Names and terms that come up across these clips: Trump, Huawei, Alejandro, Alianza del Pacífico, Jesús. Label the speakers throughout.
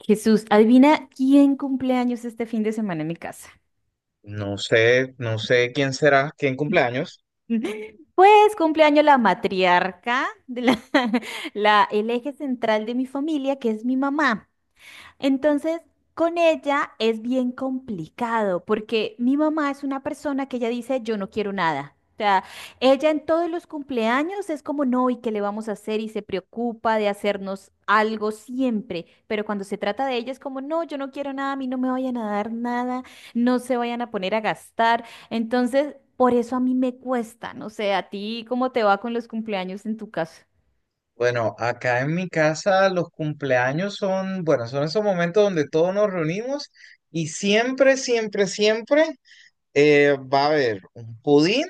Speaker 1: Jesús, adivina quién cumple años este fin de semana en mi casa.
Speaker 2: No sé quién será, quién cumpleaños.
Speaker 1: Pues cumpleaños la matriarca, el eje central de mi familia, que es mi mamá. Entonces, con ella es bien complicado porque mi mamá es una persona que ella dice, yo no quiero nada. O sea, ella en todos los cumpleaños es como, no, ¿y qué le vamos a hacer? Y se preocupa de hacernos algo siempre. Pero cuando se trata de ella es como, no, yo no quiero nada, a mí no me vayan a dar nada, no se vayan a poner a gastar. Entonces, por eso a mí me cuesta. No sé, ¿a ti cómo te va con los cumpleaños en tu caso?
Speaker 2: Bueno, acá en mi casa los cumpleaños son, bueno, son esos momentos donde todos nos reunimos y siempre, siempre, siempre va a haber un pudín.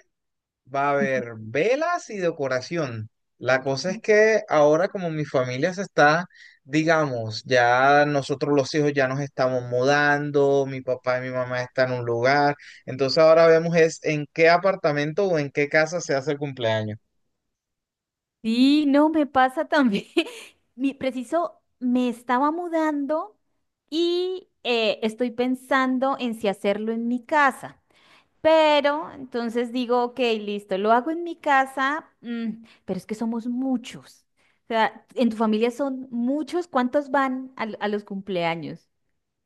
Speaker 2: Va a haber velas y decoración. La cosa es que ahora como mi familia se está, digamos, ya nosotros los hijos ya nos estamos mudando, mi papá y mi mamá están en un lugar, entonces ahora vemos es en qué apartamento o en qué casa se hace el cumpleaños.
Speaker 1: Sí, no, me pasa también. Mi preciso, me estaba mudando y estoy pensando en si hacerlo en mi casa. Pero entonces digo, ok, listo, lo hago en mi casa, mm, pero es que somos muchos. O sea, en tu familia son muchos, ¿cuántos van a los cumpleaños?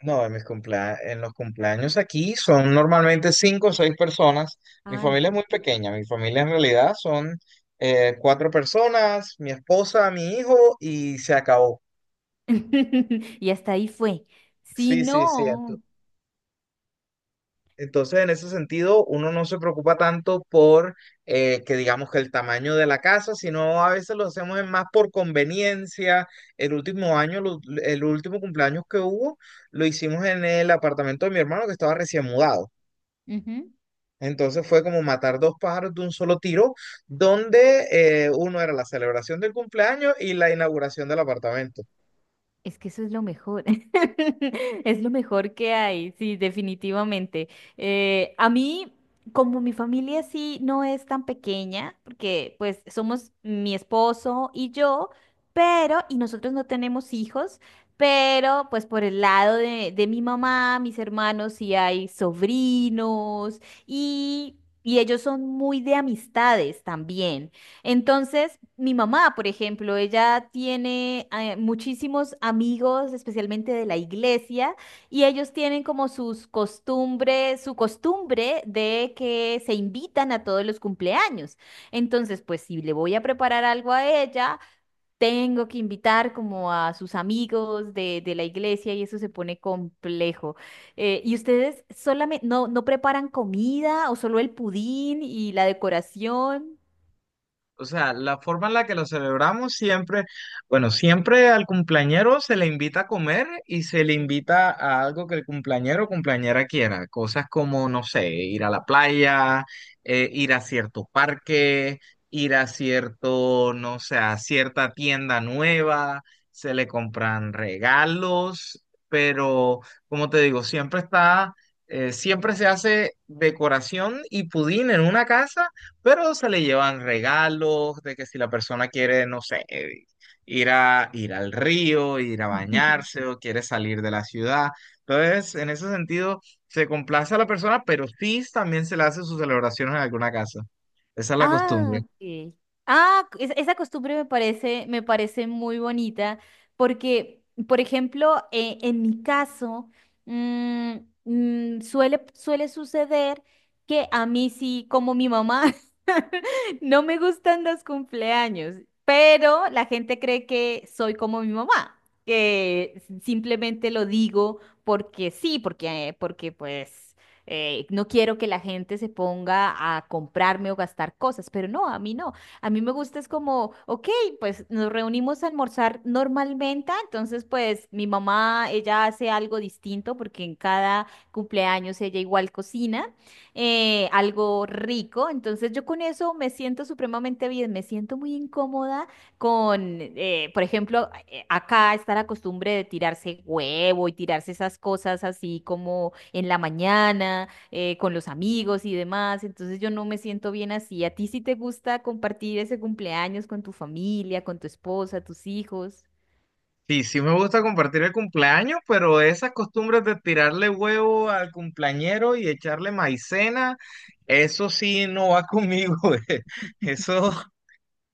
Speaker 2: No, en en los cumpleaños aquí son normalmente cinco o seis personas. Mi
Speaker 1: Ah,
Speaker 2: familia es
Speaker 1: no.
Speaker 2: muy pequeña, mi familia en realidad son cuatro personas, mi esposa, mi hijo y se acabó.
Speaker 1: Y hasta ahí fue. Si
Speaker 2: Sí, sí, sí.
Speaker 1: no.
Speaker 2: Entonces, en ese sentido, uno no se preocupa tanto por que digamos que el tamaño de la casa, sino a veces lo hacemos es más por conveniencia. El último año, el último cumpleaños que hubo, lo hicimos en el apartamento de mi hermano que estaba recién mudado.
Speaker 1: Ujú.
Speaker 2: Entonces fue como matar dos pájaros de un solo tiro, donde uno era la celebración del cumpleaños y la inauguración del apartamento.
Speaker 1: Es que eso es lo mejor, es lo mejor que hay, sí, definitivamente. A mí, como mi familia sí no es tan pequeña, porque pues somos mi esposo y yo, pero, y nosotros no tenemos hijos, pero pues por el lado de mi mamá, mis hermanos sí hay sobrinos y, y ellos son muy de amistades también. Entonces, mi mamá, por ejemplo, ella tiene muchísimos amigos, especialmente de la iglesia, y ellos tienen como sus costumbres, su costumbre de que se invitan a todos los cumpleaños. Entonces, pues si le voy a preparar algo a ella, tengo que invitar como a sus amigos de la iglesia y eso se pone complejo. ¿Y ustedes solamente no, no preparan comida o solo el pudín y la decoración?
Speaker 2: O sea, la forma en la que lo celebramos siempre, bueno, siempre al cumpleañero se le invita a comer y se le invita a algo que el cumpleañero o cumpleañera quiera. Cosas como, no sé, ir a la playa, ir a cierto parque, ir a cierto, no sé, a cierta tienda nueva, se le compran regalos, pero como te digo, siempre está, siempre se hace decoración y pudín en una casa, pero se le llevan regalos de que si la persona quiere, no sé, ir al río, ir a bañarse o quiere salir de la ciudad. Entonces, en ese sentido, se complace a la persona, pero sí también se le hace sus celebraciones en alguna casa. Esa es la
Speaker 1: Ah,
Speaker 2: costumbre.
Speaker 1: ok. Ah, esa costumbre me parece muy bonita porque, por ejemplo, en mi caso, mm, suele suceder que a mí sí, como mi mamá, no me gustan los cumpleaños, pero la gente cree que soy como mi mamá, que simplemente lo digo porque sí, porque pues no quiero que la gente se ponga a comprarme o gastar cosas, pero no, a mí no. A mí me gusta es como, ok, pues nos reunimos a almorzar normalmente, entonces pues mi mamá, ella hace algo distinto porque en cada cumpleaños ella igual cocina algo rico, entonces yo con eso me siento supremamente bien, me siento muy incómoda por ejemplo, acá está la costumbre de tirarse huevo y tirarse esas cosas así como en la mañana, con los amigos y demás. Entonces yo no me siento bien así. ¿A ti sí te gusta compartir ese cumpleaños con tu familia, con tu esposa, tus hijos?
Speaker 2: Sí, sí me gusta compartir el cumpleaños, pero esas costumbres de tirarle huevo al cumpleañero y echarle maicena, eso sí no va conmigo. eh. Eso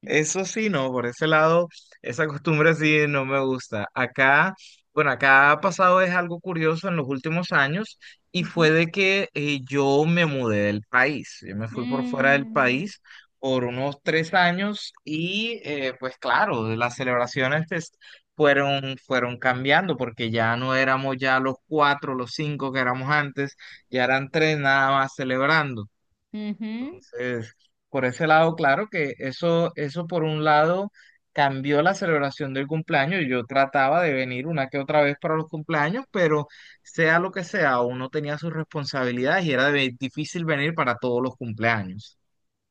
Speaker 2: Eso sí, no, por ese lado, esa costumbre sí no me gusta. Acá, bueno, acá ha pasado es algo curioso en los últimos años, y fue
Speaker 1: Ujú.
Speaker 2: de que yo me mudé del país. Yo me fui por fuera del
Speaker 1: Mm,
Speaker 2: país por unos 3 años, y pues claro, las celebraciones pues, fueron cambiando porque ya no éramos ya los cuatro, los cinco que éramos antes, ya eran tres nada más celebrando.
Speaker 1: ujú,
Speaker 2: Entonces, por ese lado, claro que eso, por un lado cambió la celebración del cumpleaños. Yo trataba de venir una que otra vez para los cumpleaños, pero sea lo que sea, uno tenía sus responsabilidades y era difícil venir para todos los cumpleaños.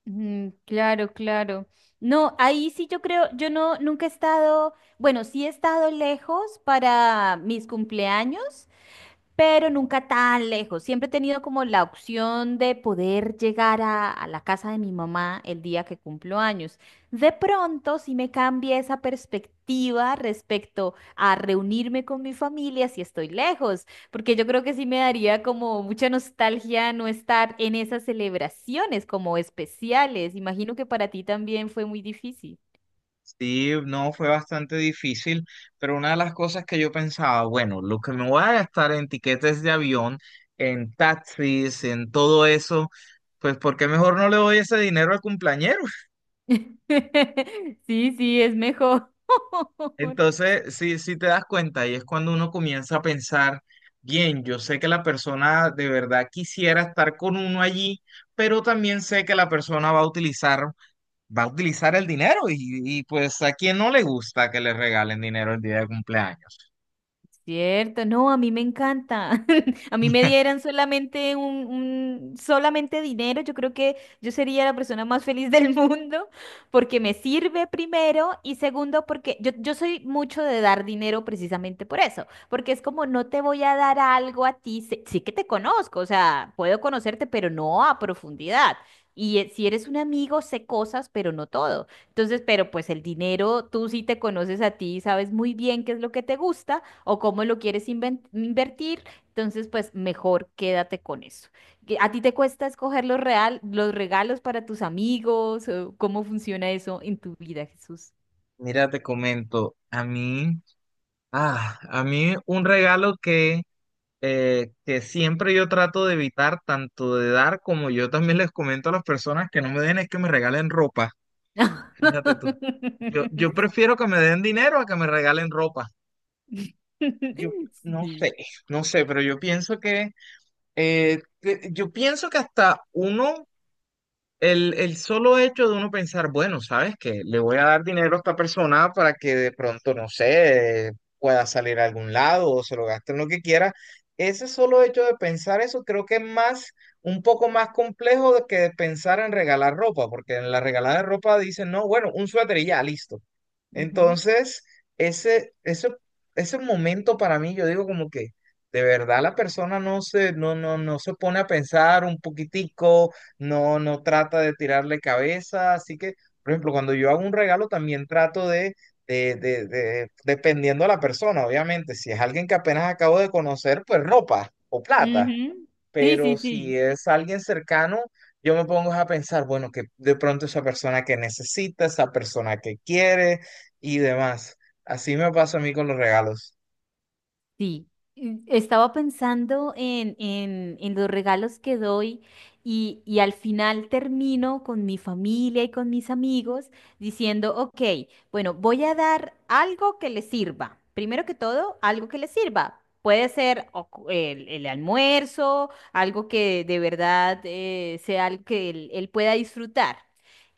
Speaker 1: mm, claro, claro. No, ahí sí yo creo, yo no, nunca he estado, bueno, sí he estado lejos para mis cumpleaños, pero nunca tan lejos. Siempre he tenido como la opción de poder llegar a la casa de mi mamá el día que cumplo años. De pronto, si me cambia esa perspectiva respecto a reunirme con mi familia si estoy lejos, porque yo creo que sí me daría como mucha nostalgia no estar en esas celebraciones como especiales. Imagino que para ti también fue muy difícil.
Speaker 2: Sí, no, fue bastante difícil, pero una de las cosas que yo pensaba, bueno, lo que me voy a gastar en tiquetes de avión, en taxis, en todo eso, pues ¿por qué mejor no le doy ese dinero al cumpleañero?
Speaker 1: Sí, sí, es mejor.
Speaker 2: Entonces, sí sí te das cuenta, y es cuando uno comienza a pensar, bien, yo sé que la persona de verdad quisiera estar con uno allí, pero también sé que la persona va a utilizar el dinero, y pues a quien no le gusta que le regalen dinero el día de cumpleaños.
Speaker 1: Cierto, no, a mí me encanta. A mí me dieran solamente solamente dinero, yo creo que yo sería la persona más feliz del mundo porque me sirve primero y segundo porque yo soy mucho de dar dinero precisamente por eso, porque es como no te voy a dar algo a ti, sí, que te conozco, o sea, puedo conocerte, pero no a profundidad. Y si eres un amigo, sé cosas, pero no todo. Entonces, pero pues el dinero, tú sí te conoces a ti, sabes muy bien qué es lo que te gusta o cómo lo quieres invertir, entonces pues mejor quédate con eso. ¿A ti te cuesta escoger los regalos para tus amigos? ¿O cómo funciona eso en tu vida, Jesús?
Speaker 2: Mira, te comento, a mí un regalo que siempre yo trato de evitar, tanto de dar como yo también les comento a las personas que no me den, es que me regalen ropa. Fíjate tú. Yo prefiero que me den dinero a que me regalen ropa. Yo no
Speaker 1: Sí.
Speaker 2: sé, no sé, pero yo pienso que hasta uno el solo hecho de uno pensar, bueno, ¿sabes qué? Le voy a dar dinero a esta persona para que de pronto, no sé, pueda salir a algún lado o se lo gaste en lo que quiera. Ese solo hecho de pensar eso creo que es más, un poco más complejo de que de pensar en regalar ropa, porque en la regalada de ropa dicen, no, bueno, un suéter y ya, listo.
Speaker 1: Ujú.
Speaker 2: Entonces, ese, ese, ese momento para mí, yo digo como que de verdad la persona no se pone a pensar un poquitico, no trata de tirarle cabeza, así que, por ejemplo, cuando yo hago un regalo también trato de dependiendo de la persona, obviamente, si es alguien que apenas acabo de conocer, pues ropa o plata,
Speaker 1: Ujú. Sí,
Speaker 2: pero
Speaker 1: sí, sí.
Speaker 2: si es alguien cercano, yo me pongo a pensar, bueno, que de pronto esa persona que necesita, esa persona que quiere y demás. Así me pasa a mí con los regalos.
Speaker 1: Sí, y estaba pensando en los regalos que doy y al final termino con mi familia y con mis amigos diciendo, ok, bueno, voy a dar algo que les sirva. Primero que todo, algo que les sirva. Puede ser o el almuerzo, algo que de verdad sea algo que él pueda disfrutar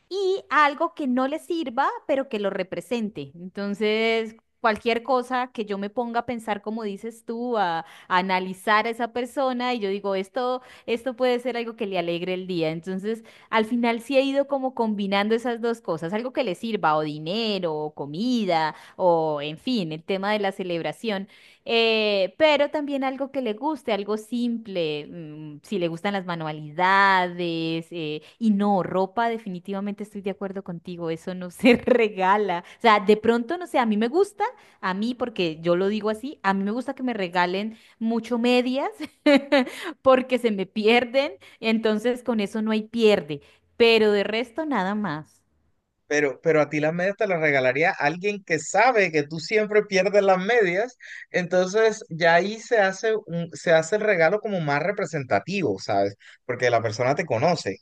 Speaker 1: y algo que no le sirva, pero que lo represente. Entonces, cualquier cosa que yo me ponga a pensar, como dices tú, a analizar a esa persona y yo digo, esto puede ser algo que le alegre el día. Entonces, al final sí he ido como combinando esas dos cosas, algo que le sirva, o dinero, o comida, o en fin, el tema de la celebración pero también algo que le guste, algo simple, mm, si le gustan las manualidades, y no, ropa, definitivamente estoy de acuerdo contigo, eso no se regala. O sea, de pronto, no sé, a mí me gusta, a mí, porque yo lo digo así, a mí me gusta que me regalen mucho medias, porque se me pierden, entonces con eso no hay pierde, pero de resto nada más.
Speaker 2: Pero a ti las medias te las regalaría alguien que sabe que tú siempre pierdes las medias, entonces ya ahí se hace un, se hace el regalo como más representativo, ¿sabes? Porque la persona te conoce.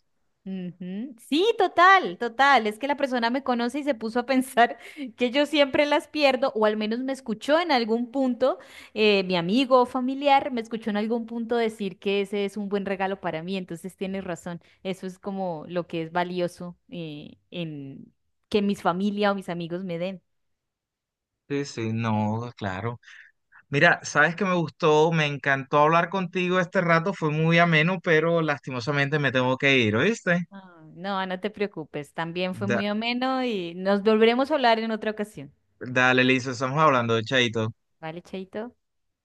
Speaker 1: Ujú. Sí, total, total. Es que la persona me conoce y se puso a pensar que yo siempre las pierdo, o al menos me escuchó en algún punto, mi amigo o familiar me escuchó en algún punto decir que ese es un buen regalo para mí. Entonces tienes razón. Eso es como lo que es valioso en que mis familia o mis amigos me den.
Speaker 2: Sí, sí, no, claro. Mira, sabes que me gustó, me encantó hablar contigo este rato, fue muy ameno, pero lastimosamente me tengo que ir, ¿oíste?
Speaker 1: Ah, no, no te preocupes. También fue
Speaker 2: Da-
Speaker 1: muy ameno y nos volveremos a hablar en otra ocasión.
Speaker 2: dale, Lisa, estamos hablando, chaito.
Speaker 1: ¿Vale, Chaito?